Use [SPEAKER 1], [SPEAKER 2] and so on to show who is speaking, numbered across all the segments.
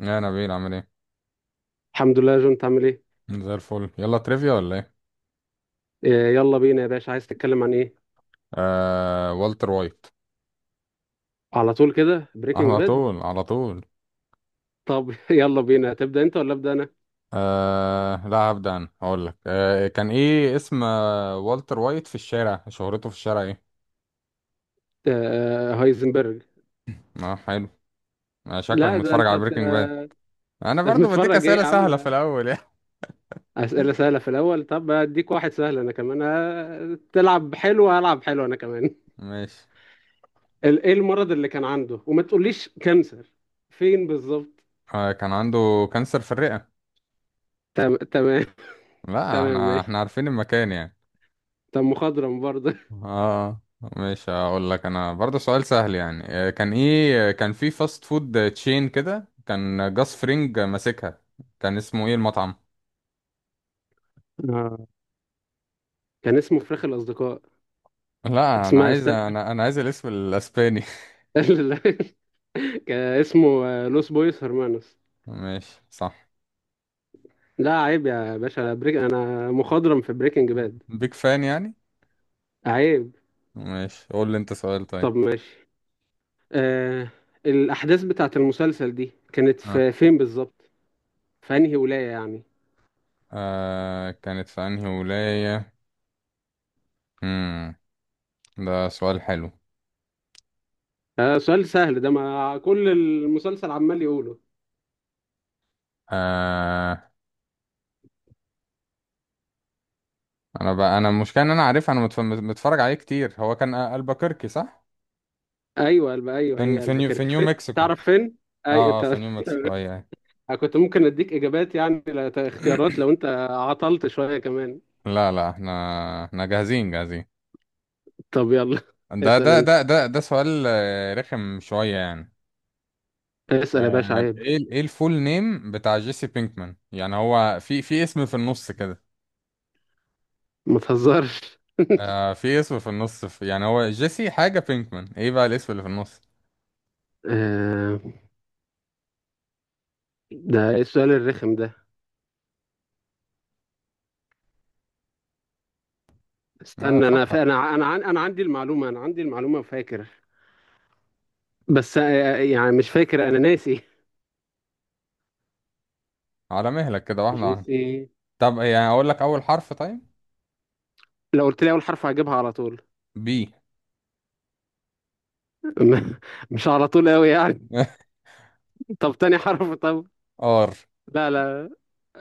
[SPEAKER 1] يا نبيل، عامل ايه؟
[SPEAKER 2] الحمد لله يا جون، تعمل ايه؟
[SPEAKER 1] زي الفل. يلا تريفيا ولا ايه؟
[SPEAKER 2] آه. يلا بينا يا باشا، عايز تتكلم عن ايه؟
[SPEAKER 1] والتر وايت.
[SPEAKER 2] على طول كده بريكنج
[SPEAKER 1] على
[SPEAKER 2] باد.
[SPEAKER 1] طول، على طول.
[SPEAKER 2] طب يلا بينا، تبدأ انت ولا ابدأ انا؟
[SPEAKER 1] لا، هبدأ انا. هقول لك كان ايه اسم والتر وايت في الشارع، شهرته في الشارع ايه؟
[SPEAKER 2] هايزنبرج.
[SPEAKER 1] اه، حلو. شكلك
[SPEAKER 2] لا ده
[SPEAKER 1] متفرج
[SPEAKER 2] انت
[SPEAKER 1] على بريكنج باد. انا برضو بديك
[SPEAKER 2] متفرج ايه
[SPEAKER 1] اسئله
[SPEAKER 2] يا
[SPEAKER 1] سهله في
[SPEAKER 2] عم؟
[SPEAKER 1] الاول يعني.
[SPEAKER 2] أسئلة سهلة في الاول؟ طب اديك واحد سهل انا كمان. تلعب حلو هلعب حلو انا كمان.
[SPEAKER 1] ماشي.
[SPEAKER 2] ايه المرض اللي كان عنده وما تقوليش كانسر؟ فين بالظبط؟
[SPEAKER 1] كان عنده كانسر في الرئه.
[SPEAKER 2] تمام.
[SPEAKER 1] لا،
[SPEAKER 2] تمام،
[SPEAKER 1] احنا
[SPEAKER 2] ماشي.
[SPEAKER 1] احنا عارفين المكان يعني.
[SPEAKER 2] طب مخضرم برضه.
[SPEAKER 1] اه. مش هقول لك انا برضه سؤال سهل يعني، كان ايه؟ كان في فاست فود تشين كده كان جاس فرينج ماسكها، كان اسمه ايه المطعم؟
[SPEAKER 2] آه. كان اسمه فراخ الاصدقاء.
[SPEAKER 1] لا، انا
[SPEAKER 2] اسمها
[SPEAKER 1] عايز انا انا عايز الاسم الاسباني.
[SPEAKER 2] كان اسمه لوس بويس هرمانوس.
[SPEAKER 1] ماشي، صح.
[SPEAKER 2] لا عيب يا باشا، بريك انا مخضرم في بريكنج باد.
[SPEAKER 1] بيك فان يعني.
[SPEAKER 2] عيب.
[SPEAKER 1] ماشي، قول لي انت سؤال طيب.
[SPEAKER 2] طب ماشي. آه الاحداث بتاعت المسلسل دي كانت
[SPEAKER 1] آه.
[SPEAKER 2] في فين بالظبط؟ في انهي ولاية يعني؟
[SPEAKER 1] كانت في انهي ولاية؟ امم ده سؤال حلو.
[SPEAKER 2] آه، سؤال سهل ده، ما كل المسلسل عمال يقوله.
[SPEAKER 1] آه انا بقى، انا المشكلة ان انا عارف، انا متفرج عليه كتير. هو كان البكركي، صح؟
[SPEAKER 2] ايوه ايوه هي
[SPEAKER 1] في
[SPEAKER 2] البكركي
[SPEAKER 1] نيو
[SPEAKER 2] فين؟
[SPEAKER 1] مكسيكو.
[SPEAKER 2] تعرف فين؟ اي
[SPEAKER 1] اه في نيو مكسيكو، اي اي.
[SPEAKER 2] كنت ممكن اديك اجابات يعني اختيارات لو انت عطلت شوية كمان.
[SPEAKER 1] لا، لا، احنا جاهزين، جاهزين.
[SPEAKER 2] طب يلا،
[SPEAKER 1] ده
[SPEAKER 2] اسأل
[SPEAKER 1] ده
[SPEAKER 2] انت.
[SPEAKER 1] ده ده ده سؤال رخم شوية يعني.
[SPEAKER 2] اسأل يا باشا، عيب.
[SPEAKER 1] ايه ايه الفول نيم بتاع جيسي بينكمان؟ يعني هو في اسم في النص كده.
[SPEAKER 2] ما تهزرش.
[SPEAKER 1] في اسم في النص، في، يعني هو جيسي حاجة بينكمان، ايه بقى الاسم اللي في النص؟
[SPEAKER 2] آه، ده ايه السؤال الرخم ده؟
[SPEAKER 1] اه،
[SPEAKER 2] استنى انا
[SPEAKER 1] فكر.
[SPEAKER 2] فا... انا ع- انا عن... انا عندي المعلومه فاكر. بس يعني مش فاكر، انا ناسي.
[SPEAKER 1] على مهلك كده، واحدة واحدة.
[SPEAKER 2] جيسي.
[SPEAKER 1] طب يعني اقول لك اول حرف طيب؟
[SPEAKER 2] لو قلت لي اول حرف هجيبها على طول.
[SPEAKER 1] بي.
[SPEAKER 2] م- مش على طول قوي يعني. طب تاني حرف طب.
[SPEAKER 1] ار.
[SPEAKER 2] لا لا.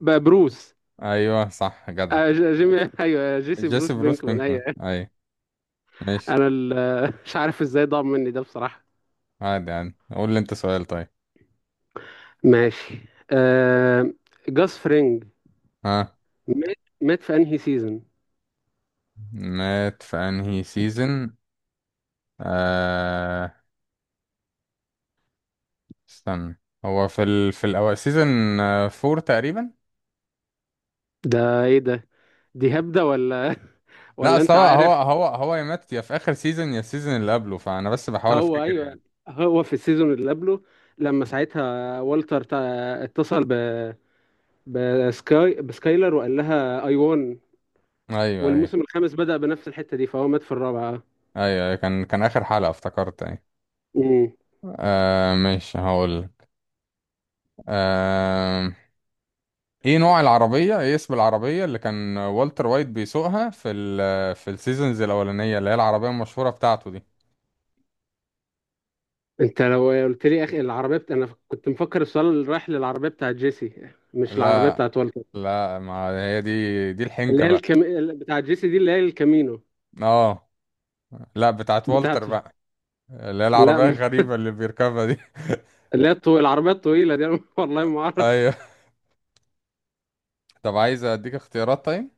[SPEAKER 2] بروس.
[SPEAKER 1] ايوه، صح، جدع.
[SPEAKER 2] جيمي. ايوه جيسي
[SPEAKER 1] جيسي
[SPEAKER 2] بروس
[SPEAKER 1] بروس
[SPEAKER 2] بينكمان
[SPEAKER 1] بينكمان،
[SPEAKER 2] ايوه.
[SPEAKER 1] اي. ماشي.
[SPEAKER 2] انا ال... مش عارف ازاي ضاع مني ده بصراحه.
[SPEAKER 1] عادي، عادي، قول لي انت سؤال طيب.
[SPEAKER 2] ماشي. آه... جاس فرينج،
[SPEAKER 1] ها.
[SPEAKER 2] مات. مات في انهي سيزون؟
[SPEAKER 1] مات في انهي سيزون؟ آه استنى. هو في الاول سيزون فور تقريبا.
[SPEAKER 2] ده ايه ده؟ دي هبدة ولا
[SPEAKER 1] لا،
[SPEAKER 2] ولا
[SPEAKER 1] اصل
[SPEAKER 2] انت
[SPEAKER 1] هو هو
[SPEAKER 2] عارف؟
[SPEAKER 1] هو هو يا مات يا في اخر سيزون يا السيزون اللي قبله، فانا بس بحاول
[SPEAKER 2] هو
[SPEAKER 1] افتكر
[SPEAKER 2] ايوه،
[SPEAKER 1] يعني.
[SPEAKER 2] هو في السيزون اللي قبله، لما ساعتها والتر اتصل ب بسكايلر وقال لها اي وان،
[SPEAKER 1] ايوه، ايوه،
[SPEAKER 2] والموسم الخامس بدأ بنفس الحتة دي، فهو مات في الرابعة.
[SPEAKER 1] ايوه، أيوة، كان اخر حلقة افتكرت، ايوه.
[SPEAKER 2] امم.
[SPEAKER 1] ماشي، هقول. آه ايه نوع العربية، ايه اسم العربية اللي كان والتر وايت بيسوقها في السيزونز الاولانية، اللي هي العربية المشهورة بتاعته دي؟
[SPEAKER 2] انت لو قلت لي يا اخي العربية انا كنت مفكر السؤال اللي رايح للعربية بتاعت جيسي، مش العربية
[SPEAKER 1] لا،
[SPEAKER 2] بتاعت والتر.
[SPEAKER 1] لا، ما هي دي
[SPEAKER 2] اللي
[SPEAKER 1] الحنكة
[SPEAKER 2] هي
[SPEAKER 1] بقى.
[SPEAKER 2] بتاعت جيسي دي، اللي هي الكامينو.
[SPEAKER 1] اه، لا، بتاعت والتر
[SPEAKER 2] بتاعته.
[SPEAKER 1] بقى. اللي هي العربية
[SPEAKER 2] لا.
[SPEAKER 1] الغريبة اللي بيركبها دي.
[SPEAKER 2] اللي هي العربية الطويلة دي. أنا والله ما اعرف.
[SPEAKER 1] ايوه. طب عايز اديك اختيارات طيب؟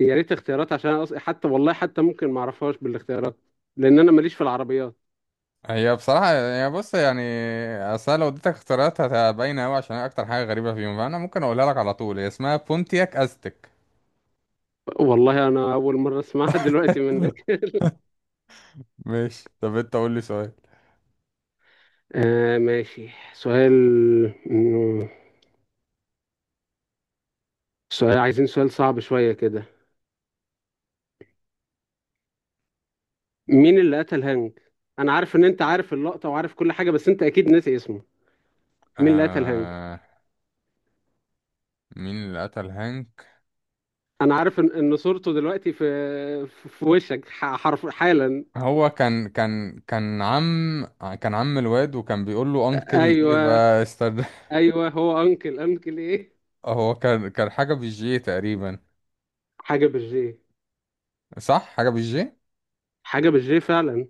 [SPEAKER 2] يا ريت اختيارات، عشان أنا حتى والله حتى ممكن ما اعرفهاش بالاختيارات، لان انا ماليش في العربيات.
[SPEAKER 1] هي بصراحة يعني، بص يعني، اصل أنا لو اديتك اختيارات هتبين اوي، عشان هي اكتر حاجة غريبة فيهم. فانا ممكن اقولها لك على طول، هي اسمها بونتياك ازتك.
[SPEAKER 2] والله انا اول مره اسمعها دلوقتي منك.
[SPEAKER 1] ماشي، طب انت قول لي سؤال.
[SPEAKER 2] ماشي. سؤال. مم، سؤال عايزين، سؤال صعب شويه كده. مين اللي قتل هانج؟ انا عارف ان انت عارف اللقطه وعارف كل حاجه، بس انت اكيد ناسي اسمه. مين اللي قتل هانج؟
[SPEAKER 1] آه... مين اللي قتل هانك؟
[SPEAKER 2] انا عارف إن صورته دلوقتي في وشك، حرف حالا.
[SPEAKER 1] هو كان عم، كان عم الواد وكان بيقول له انكل ايه
[SPEAKER 2] ايوه.
[SPEAKER 1] بقى، استنى.
[SPEAKER 2] ايوه هو انكل ايه؟
[SPEAKER 1] هو كان حاجة بالجي تقريبا.
[SPEAKER 2] حاجه بالجي.
[SPEAKER 1] صح، حاجة بالجي.
[SPEAKER 2] حاجه بالجي فعلا.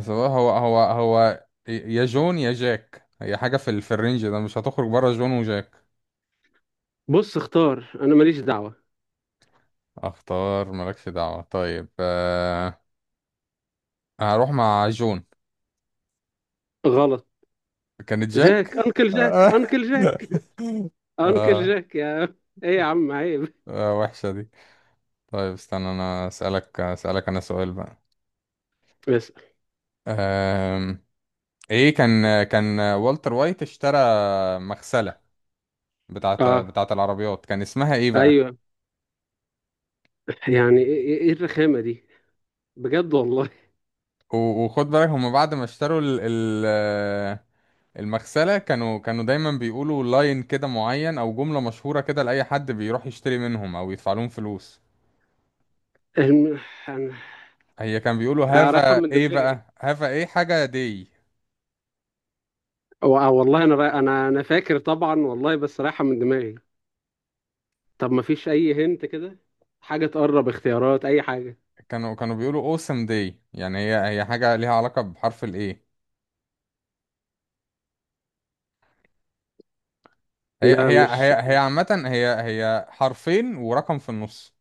[SPEAKER 1] سواء هو يا جون يا جاك، هي حاجة في الرينج ده، مش هتخرج بره جون وجاك.
[SPEAKER 2] بص اختار، انا ماليش دعوة.
[SPEAKER 1] اختار، مالكش دعوة طيب. هروح مع جون.
[SPEAKER 2] غلط.
[SPEAKER 1] كانت جاك.
[SPEAKER 2] جاك، انكل جاك،
[SPEAKER 1] آه.
[SPEAKER 2] انكل جاك. انكل
[SPEAKER 1] آه.
[SPEAKER 2] جاك يا. ايه يا عم عيب.
[SPEAKER 1] وحشة دي. طيب استنى، انا اسألك انا سؤال بقى.
[SPEAKER 2] بس.
[SPEAKER 1] آم. ايه كان والتر وايت اشترى مغسلة بتاعت
[SPEAKER 2] اه
[SPEAKER 1] بتاعت العربيات، كان اسمها ايه بقى؟
[SPEAKER 2] ايوه. يعني ايه إيه إيه الرخامة دي؟ بجد والله.
[SPEAKER 1] وخد بالك، هم بعد ما اشتروا ال المغسلة كانوا دايما بيقولوا لاين كده معين او جملة مشهورة كده لأي حد بيروح يشتري منهم او يدفع لهم فلوس.
[SPEAKER 2] الم- انا
[SPEAKER 1] هي كان بيقولوا
[SPEAKER 2] أنا رايحة
[SPEAKER 1] هافا
[SPEAKER 2] من
[SPEAKER 1] ايه
[SPEAKER 2] دماغي.
[SPEAKER 1] بقى، هافا ايه حاجة دي؟
[SPEAKER 2] والله انا راي... انا انا فاكر طبعا والله، بس رايحة من دماغي. طب ما فيش اي هنت كده، حاجة تقرب، اختيارات اي حاجة.
[SPEAKER 1] كانوا بيقولوا اوسم دي، يعني هي حاجة ليها علاقة بحرف الايه. هي
[SPEAKER 2] لا
[SPEAKER 1] هي
[SPEAKER 2] مش
[SPEAKER 1] هي هي عامة، هي حرفين ورقم في النص.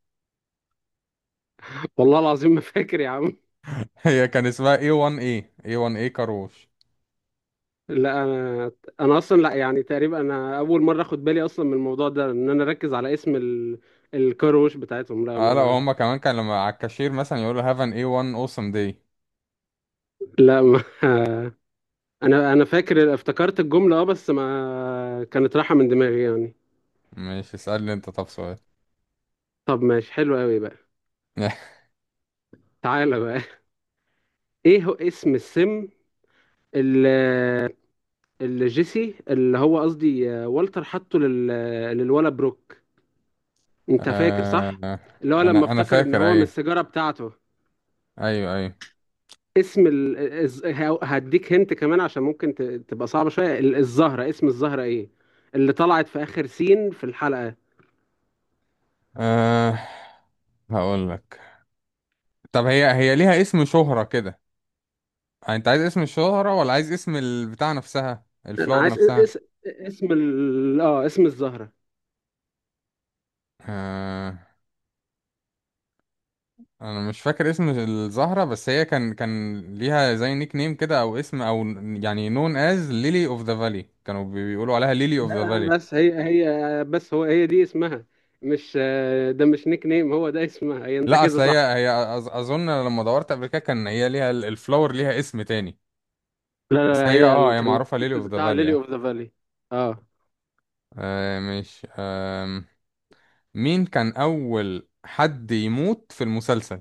[SPEAKER 2] والله العظيم ما فاكر يا عم.
[SPEAKER 1] هي كان اسمها A1A، A1A كاروش.
[SPEAKER 2] لا انا انا اصلا، لا يعني تقريبا انا اول مره اخد بالي اصلا من الموضوع ده ان انا اركز على اسم الكاروش بتاعتهم. لا
[SPEAKER 1] اه، لا،
[SPEAKER 2] ما
[SPEAKER 1] وهم كمان كان لما على الكاشير مثلا يقولوا هاف ان A1 اوسم دي.
[SPEAKER 2] لا ما انا فاكر، افتكرت الجمله اه، بس ما كانت رايحه من دماغي يعني.
[SPEAKER 1] مش، اسألني انت طب سؤال.
[SPEAKER 2] طب ماشي، حلو قوي بقى. تعالى بقى. ايه هو اسم السم؟ اللي, اللي جيسي، اللي هو قصدي والتر حطه للولا بروك. انت فاكر
[SPEAKER 1] آه
[SPEAKER 2] صح؟ اللي هو لما
[SPEAKER 1] انا
[SPEAKER 2] افتكر ان
[SPEAKER 1] فاكر،
[SPEAKER 2] هو من
[SPEAKER 1] ايوه،
[SPEAKER 2] السيجاره بتاعته.
[SPEAKER 1] ايوه، ايوه.
[SPEAKER 2] اسم ال... هديك هنت كمان عشان ممكن تبقى صعبة شوية. الزهرة، اسم الزهرة ايه؟ اللي طلعت في آخر سين في الحلقة.
[SPEAKER 1] آه هقول لك. طب هي ليها اسم شهرة كده، انت عايز اسم الشهرة ولا عايز اسم البتاع نفسها،
[SPEAKER 2] انا
[SPEAKER 1] الفلور
[SPEAKER 2] عايز
[SPEAKER 1] نفسها؟
[SPEAKER 2] اس... اسم ال... اه اسم الزهرة.
[SPEAKER 1] آه انا مش فاكر اسم الزهرة، بس هي كان ليها زي نيك نيم كده او اسم، او يعني نون از ليلي اوف ذا فالي. كانوا بيقولوا عليها ليلي اوف ذا فالي.
[SPEAKER 2] بس هي بس هي دي اسمها، مش ده مش نيك نيم، هو ده اسمها هي، انت
[SPEAKER 1] لا،
[SPEAKER 2] كده
[SPEAKER 1] اصل هي
[SPEAKER 2] صح.
[SPEAKER 1] هي اظن لما دورت قبل كده كان هي ليها الفلور ليها اسم تاني،
[SPEAKER 2] لا لا
[SPEAKER 1] بس
[SPEAKER 2] لا،
[SPEAKER 1] هي
[SPEAKER 2] هي
[SPEAKER 1] اه هي
[SPEAKER 2] كان
[SPEAKER 1] معروفة ليلي
[SPEAKER 2] المسلسل
[SPEAKER 1] اوف ذا
[SPEAKER 2] بتاع ليلي
[SPEAKER 1] فالي.
[SPEAKER 2] اوف ذا فالي. اه.
[SPEAKER 1] آه مش آه مين كان أول حد يموت في المسلسل؟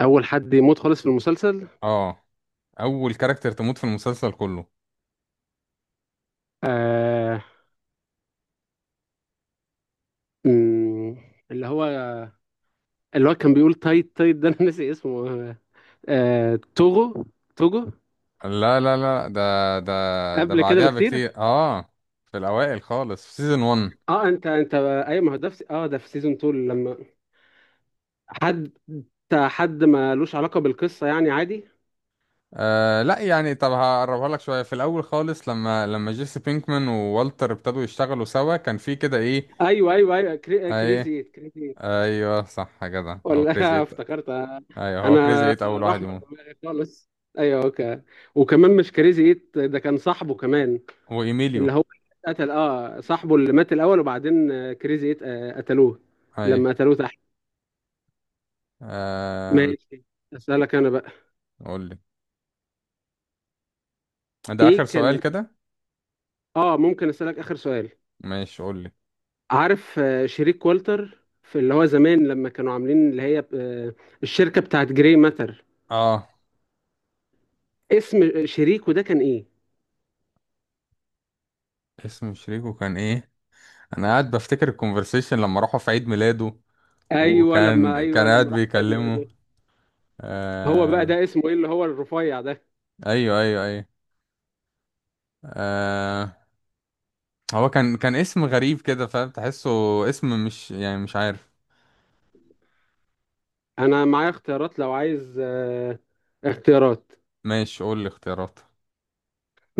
[SPEAKER 2] اول حد يموت خالص في المسلسل.
[SPEAKER 1] اه، أول كاركتر تموت في المسلسل كله.
[SPEAKER 2] آه... أمم، اللي هو اللي هو كان بيقول تايت تايت، ده انا ناسي اسمه. توغو. توغو.
[SPEAKER 1] لا، لا، لا، ده، ده
[SPEAKER 2] قبل كده
[SPEAKER 1] بعدها
[SPEAKER 2] بكتير.
[SPEAKER 1] بكتير، اه. في الأوائل خالص، في سيزون 1.
[SPEAKER 2] اه، انت ايوه، ما هو ده في سيزون 2، لما حد، حد ما لوش علاقه بالقصه يعني عادي.
[SPEAKER 1] لا، يعني طب هقربها لك شوية. في الأول خالص، لما جيسي بينكمان ووالتر ابتدوا يشتغلوا سوا، كان في كده ايه؟
[SPEAKER 2] ايوه ايوه ايوه،
[SPEAKER 1] ايه،
[SPEAKER 2] كريزي إيت، كريزي إيت.
[SPEAKER 1] ايوه صح كده، هو كريزي
[SPEAKER 2] ولا
[SPEAKER 1] ايت.
[SPEAKER 2] افتكرت.
[SPEAKER 1] ايوه، هو كريزي
[SPEAKER 2] انا
[SPEAKER 1] ايت أول
[SPEAKER 2] راح
[SPEAKER 1] واحد
[SPEAKER 2] من
[SPEAKER 1] يموت.
[SPEAKER 2] دماغي خالص. ايوه اوكي. وكمان مش كريزي ايت ده، كان صاحبه كمان. اللي
[SPEAKER 1] وإيميليو.
[SPEAKER 2] هو قتل، اه، صاحبه اللي مات الاول، وبعدين كريزي ايت قتلوه.
[SPEAKER 1] ايه.
[SPEAKER 2] لما قتلوه تحت.
[SPEAKER 1] آه
[SPEAKER 2] ماشي، اسالك انا بقى.
[SPEAKER 1] قول لي. ده اخر
[SPEAKER 2] ايه
[SPEAKER 1] سؤال
[SPEAKER 2] كان
[SPEAKER 1] كده.
[SPEAKER 2] اه ممكن اسالك اخر سؤال؟
[SPEAKER 1] ماشي قول لي.
[SPEAKER 2] عارف شريك والتر، في اللي هو زمان لما كانوا عاملين اللي هي الشركه بتاعت جري ماتر،
[SPEAKER 1] اه،
[SPEAKER 2] اسم شريكه ده كان ايه؟
[SPEAKER 1] اسم شريكه كان ايه؟ انا قاعد بفتكر الكونفرسيشن لما راحوا في عيد ميلاده،
[SPEAKER 2] ايوه لما،
[SPEAKER 1] وكان قاعد
[SPEAKER 2] راحوا في عيد
[SPEAKER 1] بيكلمه.
[SPEAKER 2] ميلاده. هو بقى
[SPEAKER 1] آه...
[SPEAKER 2] ده اسمه ايه، اللي هو الرفيع ده.
[SPEAKER 1] ايوه، ايوه، ايوه. آه... هو كان اسم غريب كده، فاهم، تحسه اسم، مش، يعني مش عارف.
[SPEAKER 2] انا معايا اختيارات لو عايز، اختيارات.
[SPEAKER 1] ماشي قول لي اختيارات.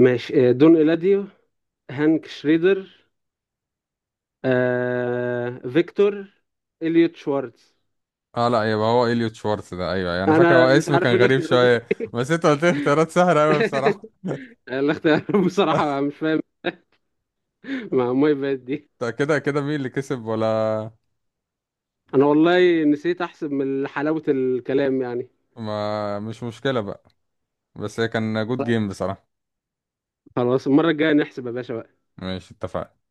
[SPEAKER 2] ماشي. دون إيلاديو، هانك شريدر، فيكتور، إليوت شوارتز.
[SPEAKER 1] اه، لا، يبقى هو اليوت شوارتز ده، ايوه، ايوه، انا فاكر هو
[SPEAKER 2] انا مش
[SPEAKER 1] اسم
[SPEAKER 2] عارف
[SPEAKER 1] كان
[SPEAKER 2] ايه
[SPEAKER 1] غريب
[SPEAKER 2] الاختيارات دي.
[SPEAKER 1] شويه. بس انت قلت لي اختيارات سهله قوي بصراحه.
[SPEAKER 2] الاختيارات بصراحه مش فاهم. ما بقت دي.
[SPEAKER 1] طب كده كده، مين اللي كسب ولا؟
[SPEAKER 2] انا والله نسيت احسب من حلاوة الكلام يعني.
[SPEAKER 1] ما مش مشكله بقى، بس هي كان جود جيم بصراحة.
[SPEAKER 2] خلاص المرة الجاية نحسب يا باشا بقى.
[SPEAKER 1] ماشي، اتفقنا.